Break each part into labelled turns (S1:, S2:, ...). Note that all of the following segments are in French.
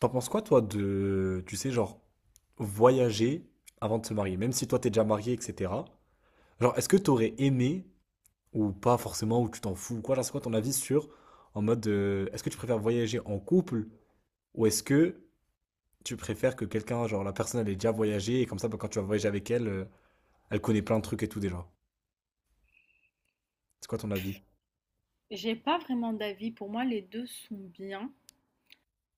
S1: T'en penses quoi, toi, de, tu sais, genre, voyager avant de se marier, même si toi t'es déjà marié, etc. Genre, est-ce que t'aurais aimé, ou pas forcément, ou tu t'en fous, ou quoi, genre, c'est quoi ton avis sur, en mode, est-ce que tu préfères voyager en couple, ou est-ce que tu préfères que quelqu'un, genre, la personne, elle ait déjà voyagé, et comme ça, bah, quand tu vas voyager avec elle, elle connaît plein de trucs et tout déjà. C'est quoi ton avis?
S2: J'ai pas vraiment d'avis. Pour moi, les deux sont bien.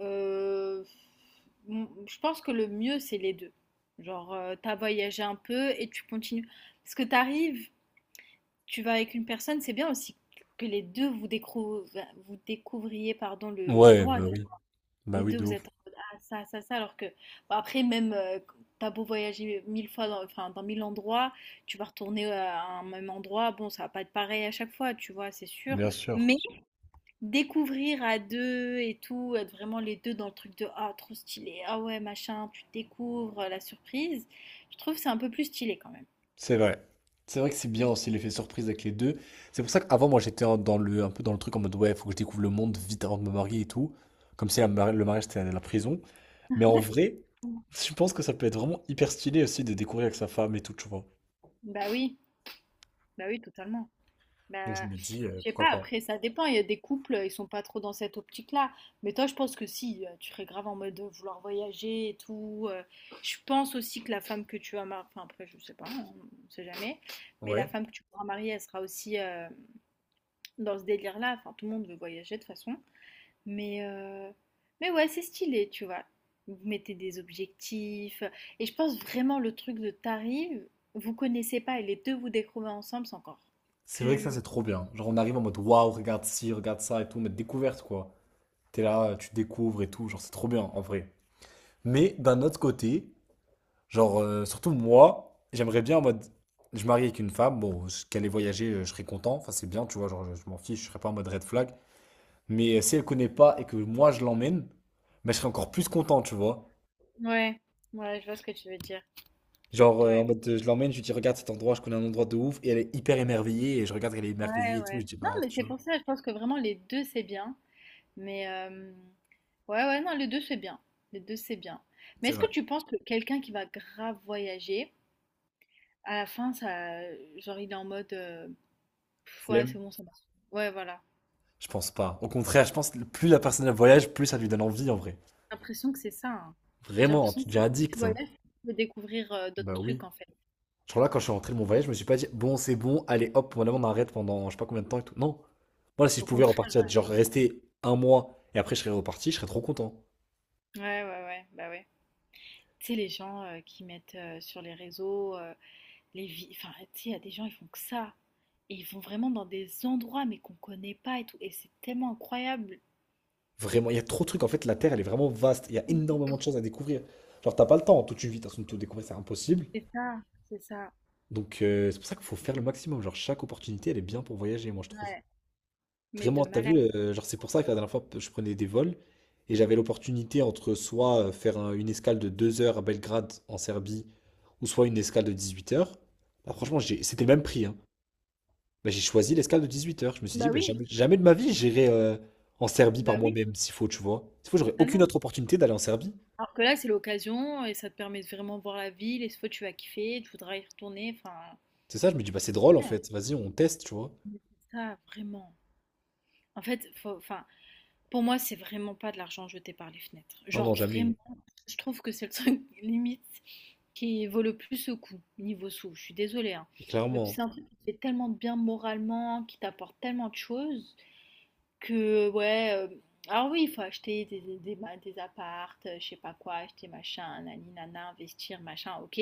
S2: Euh, je pense que le mieux, c'est les deux. Genre, t'as voyagé un peu et tu continues. Parce que t'arrives, tu vas avec une personne, c'est bien aussi que les deux vous, vous découvriez pardon,
S1: Ouais,
S2: l'endroit.
S1: bah
S2: Les
S1: oui,
S2: deux,
S1: de
S2: vous êtes
S1: ouf,
S2: en mode, ah, ça, ça, ça. Alors que, bon, après, même, t'as beau voyager mille fois, dans, enfin, dans mille endroits, tu vas retourner à un même endroit. Bon, ça va pas être pareil à chaque fois, tu vois, c'est sûr.
S1: bien sûr.
S2: Mais découvrir à deux et tout, être vraiment les deux dans le truc de ah trop stylé, ah ouais machin, tu découvres la surprise, je trouve que c'est un peu plus stylé quand même.
S1: C'est vrai. C'est vrai que c'est bien aussi l'effet surprise avec les deux. C'est pour ça qu'avant, moi, j'étais un peu dans le truc en mode, ouais, faut que je découvre le monde vite avant de me marier et tout. Comme si le mariage, c'était la prison. Mais en vrai,
S2: Mm.
S1: je pense que ça peut être vraiment hyper stylé aussi de découvrir avec sa femme et tout, tu vois.
S2: Bah oui, bah oui totalement.
S1: Donc je
S2: Bah
S1: me dis,
S2: je sais
S1: pourquoi
S2: pas,
S1: pas.
S2: après ça dépend, il y a des couples, ils sont pas trop dans cette optique-là, mais toi je pense que si, tu serais grave en mode de vouloir voyager et tout. Je pense aussi que la femme que tu vas marier, enfin après je sais pas, on sait jamais, mais la
S1: Ouais.
S2: femme que tu pourras marier, elle sera aussi dans ce délire-là, enfin tout le monde veut voyager de toute façon. Mais, euh, mais ouais, c'est stylé, tu vois. Vous mettez des objectifs. Et je pense vraiment le truc de t'arrives, vous connaissez pas et les deux vous découvrez ensemble, c'est encore
S1: C'est vrai que ça,
S2: plus.
S1: c'est trop bien. Genre, on arrive en mode, waouh, regarde ci, regarde ça et tout, mais découverte, quoi. T'es là, tu découvres et tout. Genre, c'est trop bien, en vrai. Mais d'un autre côté, genre, surtout moi, j'aimerais bien en mode. Je marie avec une femme, bon, qu'elle ait voyagé, je serais content. Enfin, c'est bien, tu vois, genre, je m'en fiche, je serais pas en mode red flag. Mais si elle connaît pas et que moi je l'emmène, bah, je serais encore plus content, tu vois.
S2: Ouais, ouais, je vois ce que tu veux dire.
S1: Genre, en
S2: Ouais,
S1: mode, je l'emmène, je lui dis, regarde cet endroit, je connais un endroit de ouf, et elle est hyper émerveillée, et je regarde qu'elle est
S2: ouais,
S1: émerveillée et tout, je
S2: ouais.
S1: dis,
S2: Non,
S1: bah,
S2: mais
S1: tu
S2: c'est
S1: vois,
S2: pour ça, je pense que vraiment les deux c'est bien. Mais ouais, ouais, non, les deux c'est bien. Les deux c'est bien. Mais
S1: c'est
S2: est-ce
S1: vrai.
S2: que tu penses que quelqu'un qui va grave voyager, à la fin, ça, genre il est en mode, pff, ouais,
S1: Flemme,
S2: c'est bon, ça marche. Ouais, voilà.
S1: je pense pas. Au contraire, je pense que plus la personne elle voyage, plus ça lui donne envie, en vrai.
S2: J'ai l'impression que c'est ça, hein. J'ai
S1: Vraiment,
S2: l'impression
S1: tu
S2: que
S1: deviens
S2: tu
S1: addict, hein.
S2: voyages, tu peux découvrir, d'autres
S1: Bah oui.
S2: trucs en fait.
S1: Genre là, quand je suis rentré de mon voyage, je me suis pas dit, bon, c'est bon, allez, hop, maintenant on arrête pendant je sais pas combien de temps et tout. Non. Moi, si je
S2: Au
S1: pouvais
S2: contraire,
S1: repartir, genre rester un mois et après je serais reparti, je serais trop content.
S2: ouais. Ouais, ouais, ouais, bah, ouais. Tu sais, les gens, qui mettent, sur les réseaux, les vi enfin, tu sais, il y a des gens, ils font que ça et ils vont vraiment dans des endroits, mais qu'on connaît pas et tout et c'est tellement incroyable.
S1: Vraiment, il y a trop de trucs. En fait, la Terre, elle est vraiment vaste. Il y a énormément de choses à découvrir. Genre, t'as pas le temps en toute une vie, de toute façon, de tout découvrir, c'est impossible.
S2: C'est ça, c'est ça,
S1: Donc, c'est pour ça qu'il faut faire le maximum. Genre, chaque opportunité, elle est bien pour voyager, moi, je trouve.
S2: ouais, mais de
S1: Vraiment, t'as vu,
S2: malade.
S1: genre c'est pour ça que la dernière fois je prenais des vols et j'avais l'opportunité entre soit faire une escale de 2 heures à Belgrade en Serbie ou soit une escale de 18 heures. Bah, franchement, c'était le même prix, hein. Bah, j'ai choisi l'escale de 18 heures. Je me suis
S2: Bah,
S1: dit, bah,
S2: oui,
S1: jamais, jamais de ma vie j'irai en Serbie par
S2: bah, oui,
S1: moi-même s'il faut, tu vois. S'il faut, j'aurais aucune
S2: totalement.
S1: autre opportunité d'aller en Serbie.
S2: Alors que là, c'est l'occasion et ça te permet de vraiment voir la ville et cette fois, tu vas kiffer, tu voudras y retourner, enfin,
S1: C'est ça, je me dis, bah c'est drôle en
S2: ouais,
S1: fait, vas-y, on teste, tu vois.
S2: mais c'est ça, vraiment. En fait, enfin, pour moi, c'est vraiment pas de l'argent jeté par les fenêtres.
S1: Non,
S2: Genre
S1: non, jamais.
S2: vraiment, je trouve que c'est le truc limite qui vaut le plus au coup niveau sous. Je suis désolée, hein.
S1: Et
S2: Mais c'est
S1: clairement.
S2: un truc qui te fait tellement de bien moralement, qui t'apporte tellement de choses que ouais. Alors oui, il faut acheter des appartes, je sais pas quoi, acheter machin, nani nana, investir machin, ok.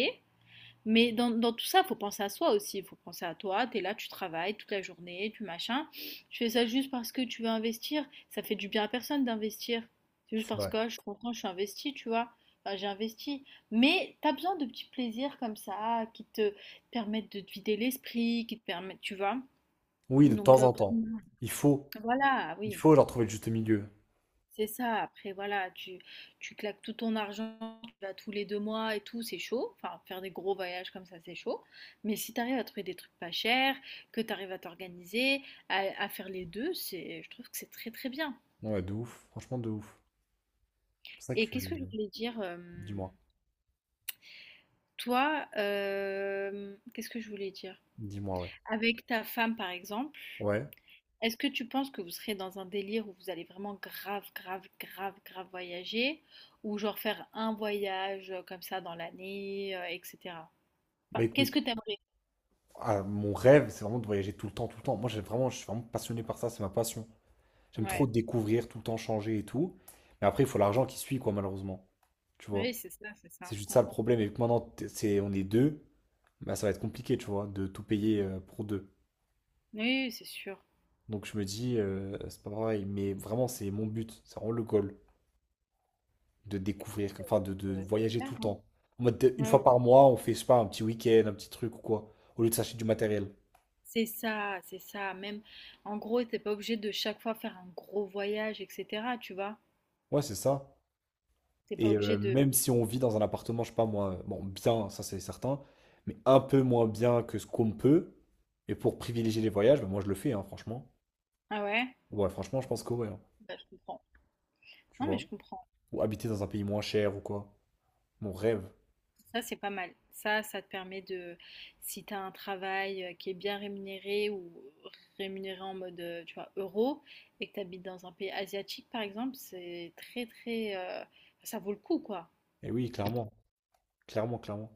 S2: Mais dans tout ça, il faut penser à soi aussi. Il faut penser à toi. Tu es là, tu travailles toute la journée, tu machin. Tu fais ça juste parce que tu veux investir. Ça fait du bien à personne d'investir. C'est juste parce
S1: Ouais.
S2: que ah, je suis content, je suis investi, tu vois. Enfin, j'ai investi. Mais tu as besoin de petits plaisirs comme ça qui te permettent de te vider l'esprit, qui te permettent, tu vois.
S1: Oui, de
S2: Donc,
S1: temps en temps. Il faut.
S2: voilà,
S1: Il
S2: oui.
S1: faut leur trouver le juste milieu.
S2: C'est ça, après voilà, tu claques tout ton argent, tu vas tous les 2 mois et tout, c'est chaud. Enfin, faire des gros voyages comme ça, c'est chaud. Mais si tu arrives à trouver des trucs pas chers, que tu arrives à t'organiser, à faire les deux, c'est, je trouve que c'est très très bien.
S1: Non, ouais, de ouf. Franchement, de ouf. Pour ça
S2: Et qu'est-ce que je
S1: que.
S2: voulais dire,
S1: Dis-moi.
S2: toi, qu'est-ce que je voulais dire?
S1: Dis-moi, ouais.
S2: Avec ta femme, par exemple.
S1: Ouais.
S2: Est-ce que tu penses que vous serez dans un délire où vous allez vraiment grave, grave, grave, grave voyager, ou genre faire un voyage comme ça dans l'année, etc.
S1: Bah
S2: Enfin, qu'est-ce
S1: écoute,
S2: que t'aimerais?
S1: ah, mon rêve, c'est vraiment de voyager tout le temps, tout le temps. Moi, j'ai vraiment, je suis vraiment passionné par ça, c'est ma passion. J'aime trop
S2: Ouais,
S1: découvrir, tout le temps changer et tout. Mais après, il faut l'argent qui suit, quoi, malheureusement. Tu vois.
S2: oui, c'est ça, c'est ça.
S1: C'est juste
S2: Ouais.
S1: ça le problème. Et vu que maintenant, c'est, on est deux, bah ça va être compliqué, tu vois, de tout payer pour deux.
S2: Oui, c'est sûr.
S1: Donc je me dis, c'est pas pareil. Mais vraiment, c'est mon but. C'est vraiment le goal, de découvrir, enfin de voyager tout
S2: J'espère,
S1: le
S2: hein.
S1: temps. En mode, une
S2: Ouais,
S1: fois
S2: ouais, ouais.
S1: par mois, on fait, je sais pas, un petit week-end, un petit truc ou quoi, au lieu de s'acheter du matériel.
S2: C'est ça, c'est ça. Même, en gros, t'es pas obligé de chaque fois faire un gros voyage, etc. Tu vois?
S1: Ouais, c'est ça.
S2: T'es pas
S1: Et
S2: obligé de.
S1: même si on vit dans un appartement, je sais pas moi, bon, bien, ça c'est certain, mais un peu moins bien que ce qu'on peut, et pour privilégier les voyages, bah, moi je le fais, hein, franchement.
S2: Ah ouais?
S1: Ouais, franchement, je pense que ouais, hein,
S2: Bah, je comprends.
S1: tu
S2: Non, mais
S1: vois.
S2: je comprends.
S1: Ou habiter dans un pays moins cher ou quoi. Mon rêve.
S2: Ça, c'est pas mal. Ça te permet de, si tu as un travail qui est bien rémunéré ou rémunéré en mode, tu vois, euro, et que tu habites dans un pays asiatique, par exemple, c'est très, très, ça vaut le coup, quoi.
S1: Et oui, clairement, clairement, clairement.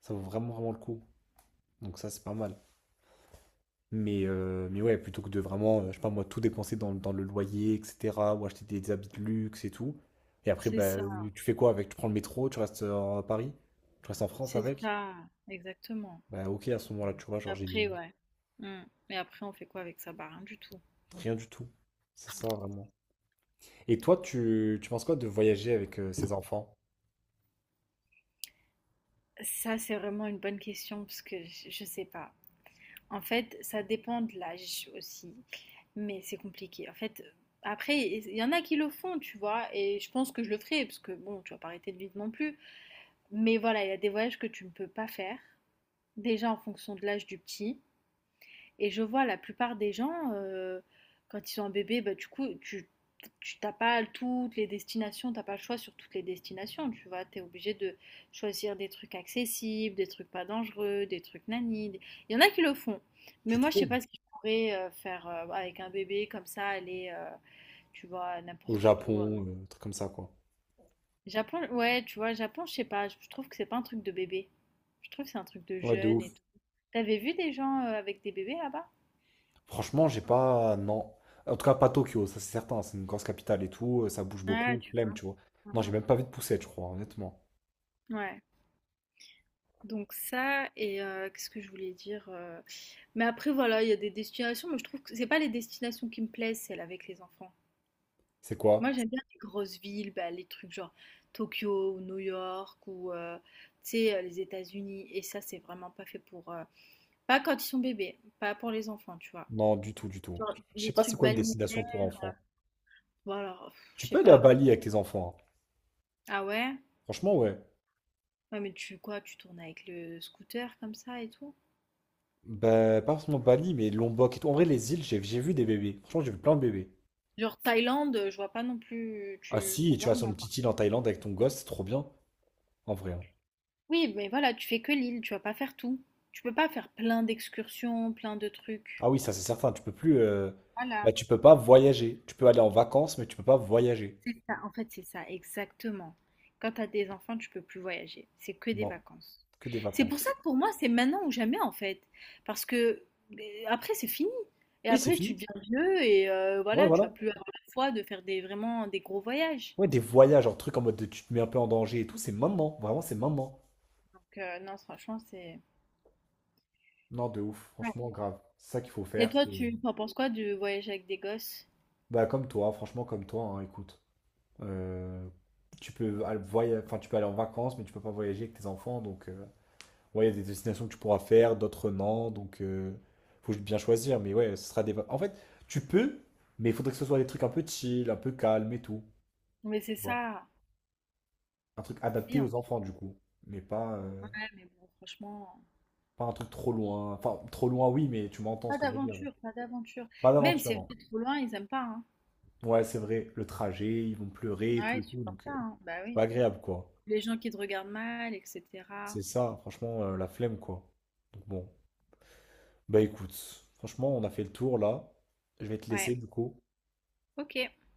S1: Ça vaut vraiment, vraiment le coup. Donc ça, c'est pas mal. Mais ouais, plutôt que de vraiment, je sais pas moi, tout dépenser dans le loyer, etc., ou acheter des habits de luxe et tout. Et après,
S2: C'est
S1: bah,
S2: ça,
S1: tu fais quoi avec? Tu prends le métro, tu restes à Paris, tu restes en France
S2: c'est
S1: avec?
S2: ça, exactement.
S1: Bah ok, à ce moment-là, tu vois,
S2: Et
S1: genre
S2: après, ouais. Mm. Mais après, on fait quoi avec ça? Bah, rien du tout.
S1: rien du tout. C'est ça, vraiment. Et toi, tu penses quoi de voyager avec ses enfants?
S2: Ça, c'est vraiment une bonne question parce que je sais pas. En fait, ça dépend de l'âge aussi, mais c'est compliqué. En fait, après, il y en a qui le font, tu vois, et je pense que je le ferai, parce que bon, tu vas pas arrêter de vivre non plus. Mais voilà, il y a des voyages que tu ne peux pas faire, déjà en fonction de l'âge du petit, et je vois la plupart des gens, quand ils sont un bébé, bah, du coup, tu, t'as pas toutes les destinations, t'as pas le choix sur toutes les destinations, tu vois. T'es obligé de choisir des trucs accessibles, des trucs pas dangereux, des trucs nani. Il y en a qui le font, mais
S1: Tu
S2: moi, je sais
S1: trouves?
S2: pas ce que je pourrais faire avec un bébé comme ça, aller, tu vois,
S1: Au
S2: n'importe où.
S1: Japon, truc comme ça, quoi.
S2: Japon, ouais, tu vois, Japon, je sais pas, je trouve que c'est pas un truc de bébé. Je trouve que c'est un truc de
S1: Ouais, de
S2: jeune
S1: ouf.
S2: et tout. T'avais vu des gens avec des bébés là-bas?
S1: Franchement, j'ai pas... Non. En tout cas, pas Tokyo, ça c'est certain. C'est une grosse capitale et tout, ça bouge
S2: Ouais,
S1: beaucoup.
S2: tu
S1: Flemme, tu vois.
S2: vois.
S1: Non, j'ai même pas envie de pousser, je crois, honnêtement.
S2: Ouais. Donc ça, et qu'est-ce que je voulais dire Mais après, voilà, il y a des destinations, mais je trouve que c'est pas les destinations qui me plaisent, celles avec les enfants.
S1: C'est
S2: Moi,
S1: quoi?
S2: j'aime bien les grosses villes, bah, les trucs genre Tokyo ou New York ou, tu sais, les États-Unis. Et ça, c'est vraiment pas fait pour, pas quand ils sont bébés, pas pour les enfants, tu vois.
S1: Non, du tout, du tout.
S2: Genre,
S1: Je sais
S2: les
S1: pas c'est
S2: trucs
S1: quoi une
S2: balnéaires.
S1: destination pour enfants.
S2: Bon, alors, pff,
S1: Tu
S2: je
S1: peux
S2: sais
S1: aller
S2: pas
S1: à
S2: après.
S1: Bali avec tes enfants, hein.
S2: Ah ouais?
S1: Franchement, ouais.
S2: Ouais, mais tu quoi? Tu tournes avec le scooter comme ça et tout?
S1: Ben pas forcément Bali, mais Lombok et tout. En vrai, les îles, j'ai vu des bébés. Franchement, j'ai vu plein de bébés.
S2: Genre Thaïlande, je vois pas non plus.
S1: Ah
S2: Tu,
S1: si,
S2: pour
S1: tu
S2: moi,
S1: vas sur une
S2: non.
S1: petite île en Thaïlande avec ton gosse, c'est trop bien, en vrai, hein.
S2: Oui, mais voilà, tu fais que l'île, tu vas pas faire tout. Tu peux pas faire plein d'excursions, plein de trucs.
S1: Ah oui, ça c'est certain. Tu peux plus, bah
S2: Voilà.
S1: tu peux pas voyager. Tu peux aller en vacances, mais tu peux pas voyager.
S2: C'est ça, en fait, c'est ça, exactement. Quand tu as des enfants, tu peux plus voyager. C'est que des
S1: Non,
S2: vacances.
S1: que des
S2: C'est pour ça
S1: vacances.
S2: que pour moi, c'est maintenant ou jamais, en fait. Parce que après, c'est fini. Et
S1: Oui, c'est
S2: après, tu
S1: fini.
S2: deviens vieux et
S1: Ouais,
S2: voilà, tu
S1: voilà.
S2: vas plus avoir la foi de faire des, vraiment des gros voyages.
S1: Ouais, des voyages, genre truc en mode de, tu te mets un peu en danger et tout. C'est maintenant, vraiment, c'est maintenant.
S2: Donc, non, franchement, c'est.
S1: Non, de ouf,
S2: Ouais.
S1: franchement, grave. C'est ça qu'il faut
S2: Et
S1: faire.
S2: toi, tu en penses quoi du voyage avec des gosses?
S1: Bah, comme toi, franchement, comme toi, hein, écoute. Euh, tu peux aller enfin, tu peux aller en vacances, mais tu peux pas voyager avec tes enfants. Donc, ouais, il y a des destinations que tu pourras faire, d'autres non. Donc, faut bien choisir. Mais ouais, ce sera des. Va- en fait, tu peux, mais il faudrait que ce soit des trucs un peu chill, un peu calme et tout,
S2: Mais c'est
S1: tu vois.
S2: ça,
S1: Un truc
S2: oui,
S1: adapté
S2: en
S1: aux
S2: fait.
S1: enfants, du coup. Mais pas,
S2: Ouais, mais bon, franchement.
S1: pas un truc trop loin. Enfin, trop loin, oui, mais tu m'entends ce
S2: Pas
S1: que je veux dire, genre.
S2: d'aventure, pas d'aventure.
S1: Pas
S2: Même, si
S1: d'aventure,
S2: c'est
S1: non.
S2: vrai, trop loin, ils aiment pas, hein.
S1: Ouais, c'est vrai, le trajet, ils vont pleurer
S2: Ah ouais,
S1: et
S2: ils
S1: tout,
S2: supportent
S1: donc
S2: pas, hein. Bah oui.
S1: pas agréable, quoi.
S2: Les gens qui te regardent mal, etc.
S1: C'est ça, franchement, la flemme, quoi. Donc bon, bah écoute, franchement, on a fait le tour là. Je vais te
S2: Ouais,
S1: laisser, du coup.
S2: ok.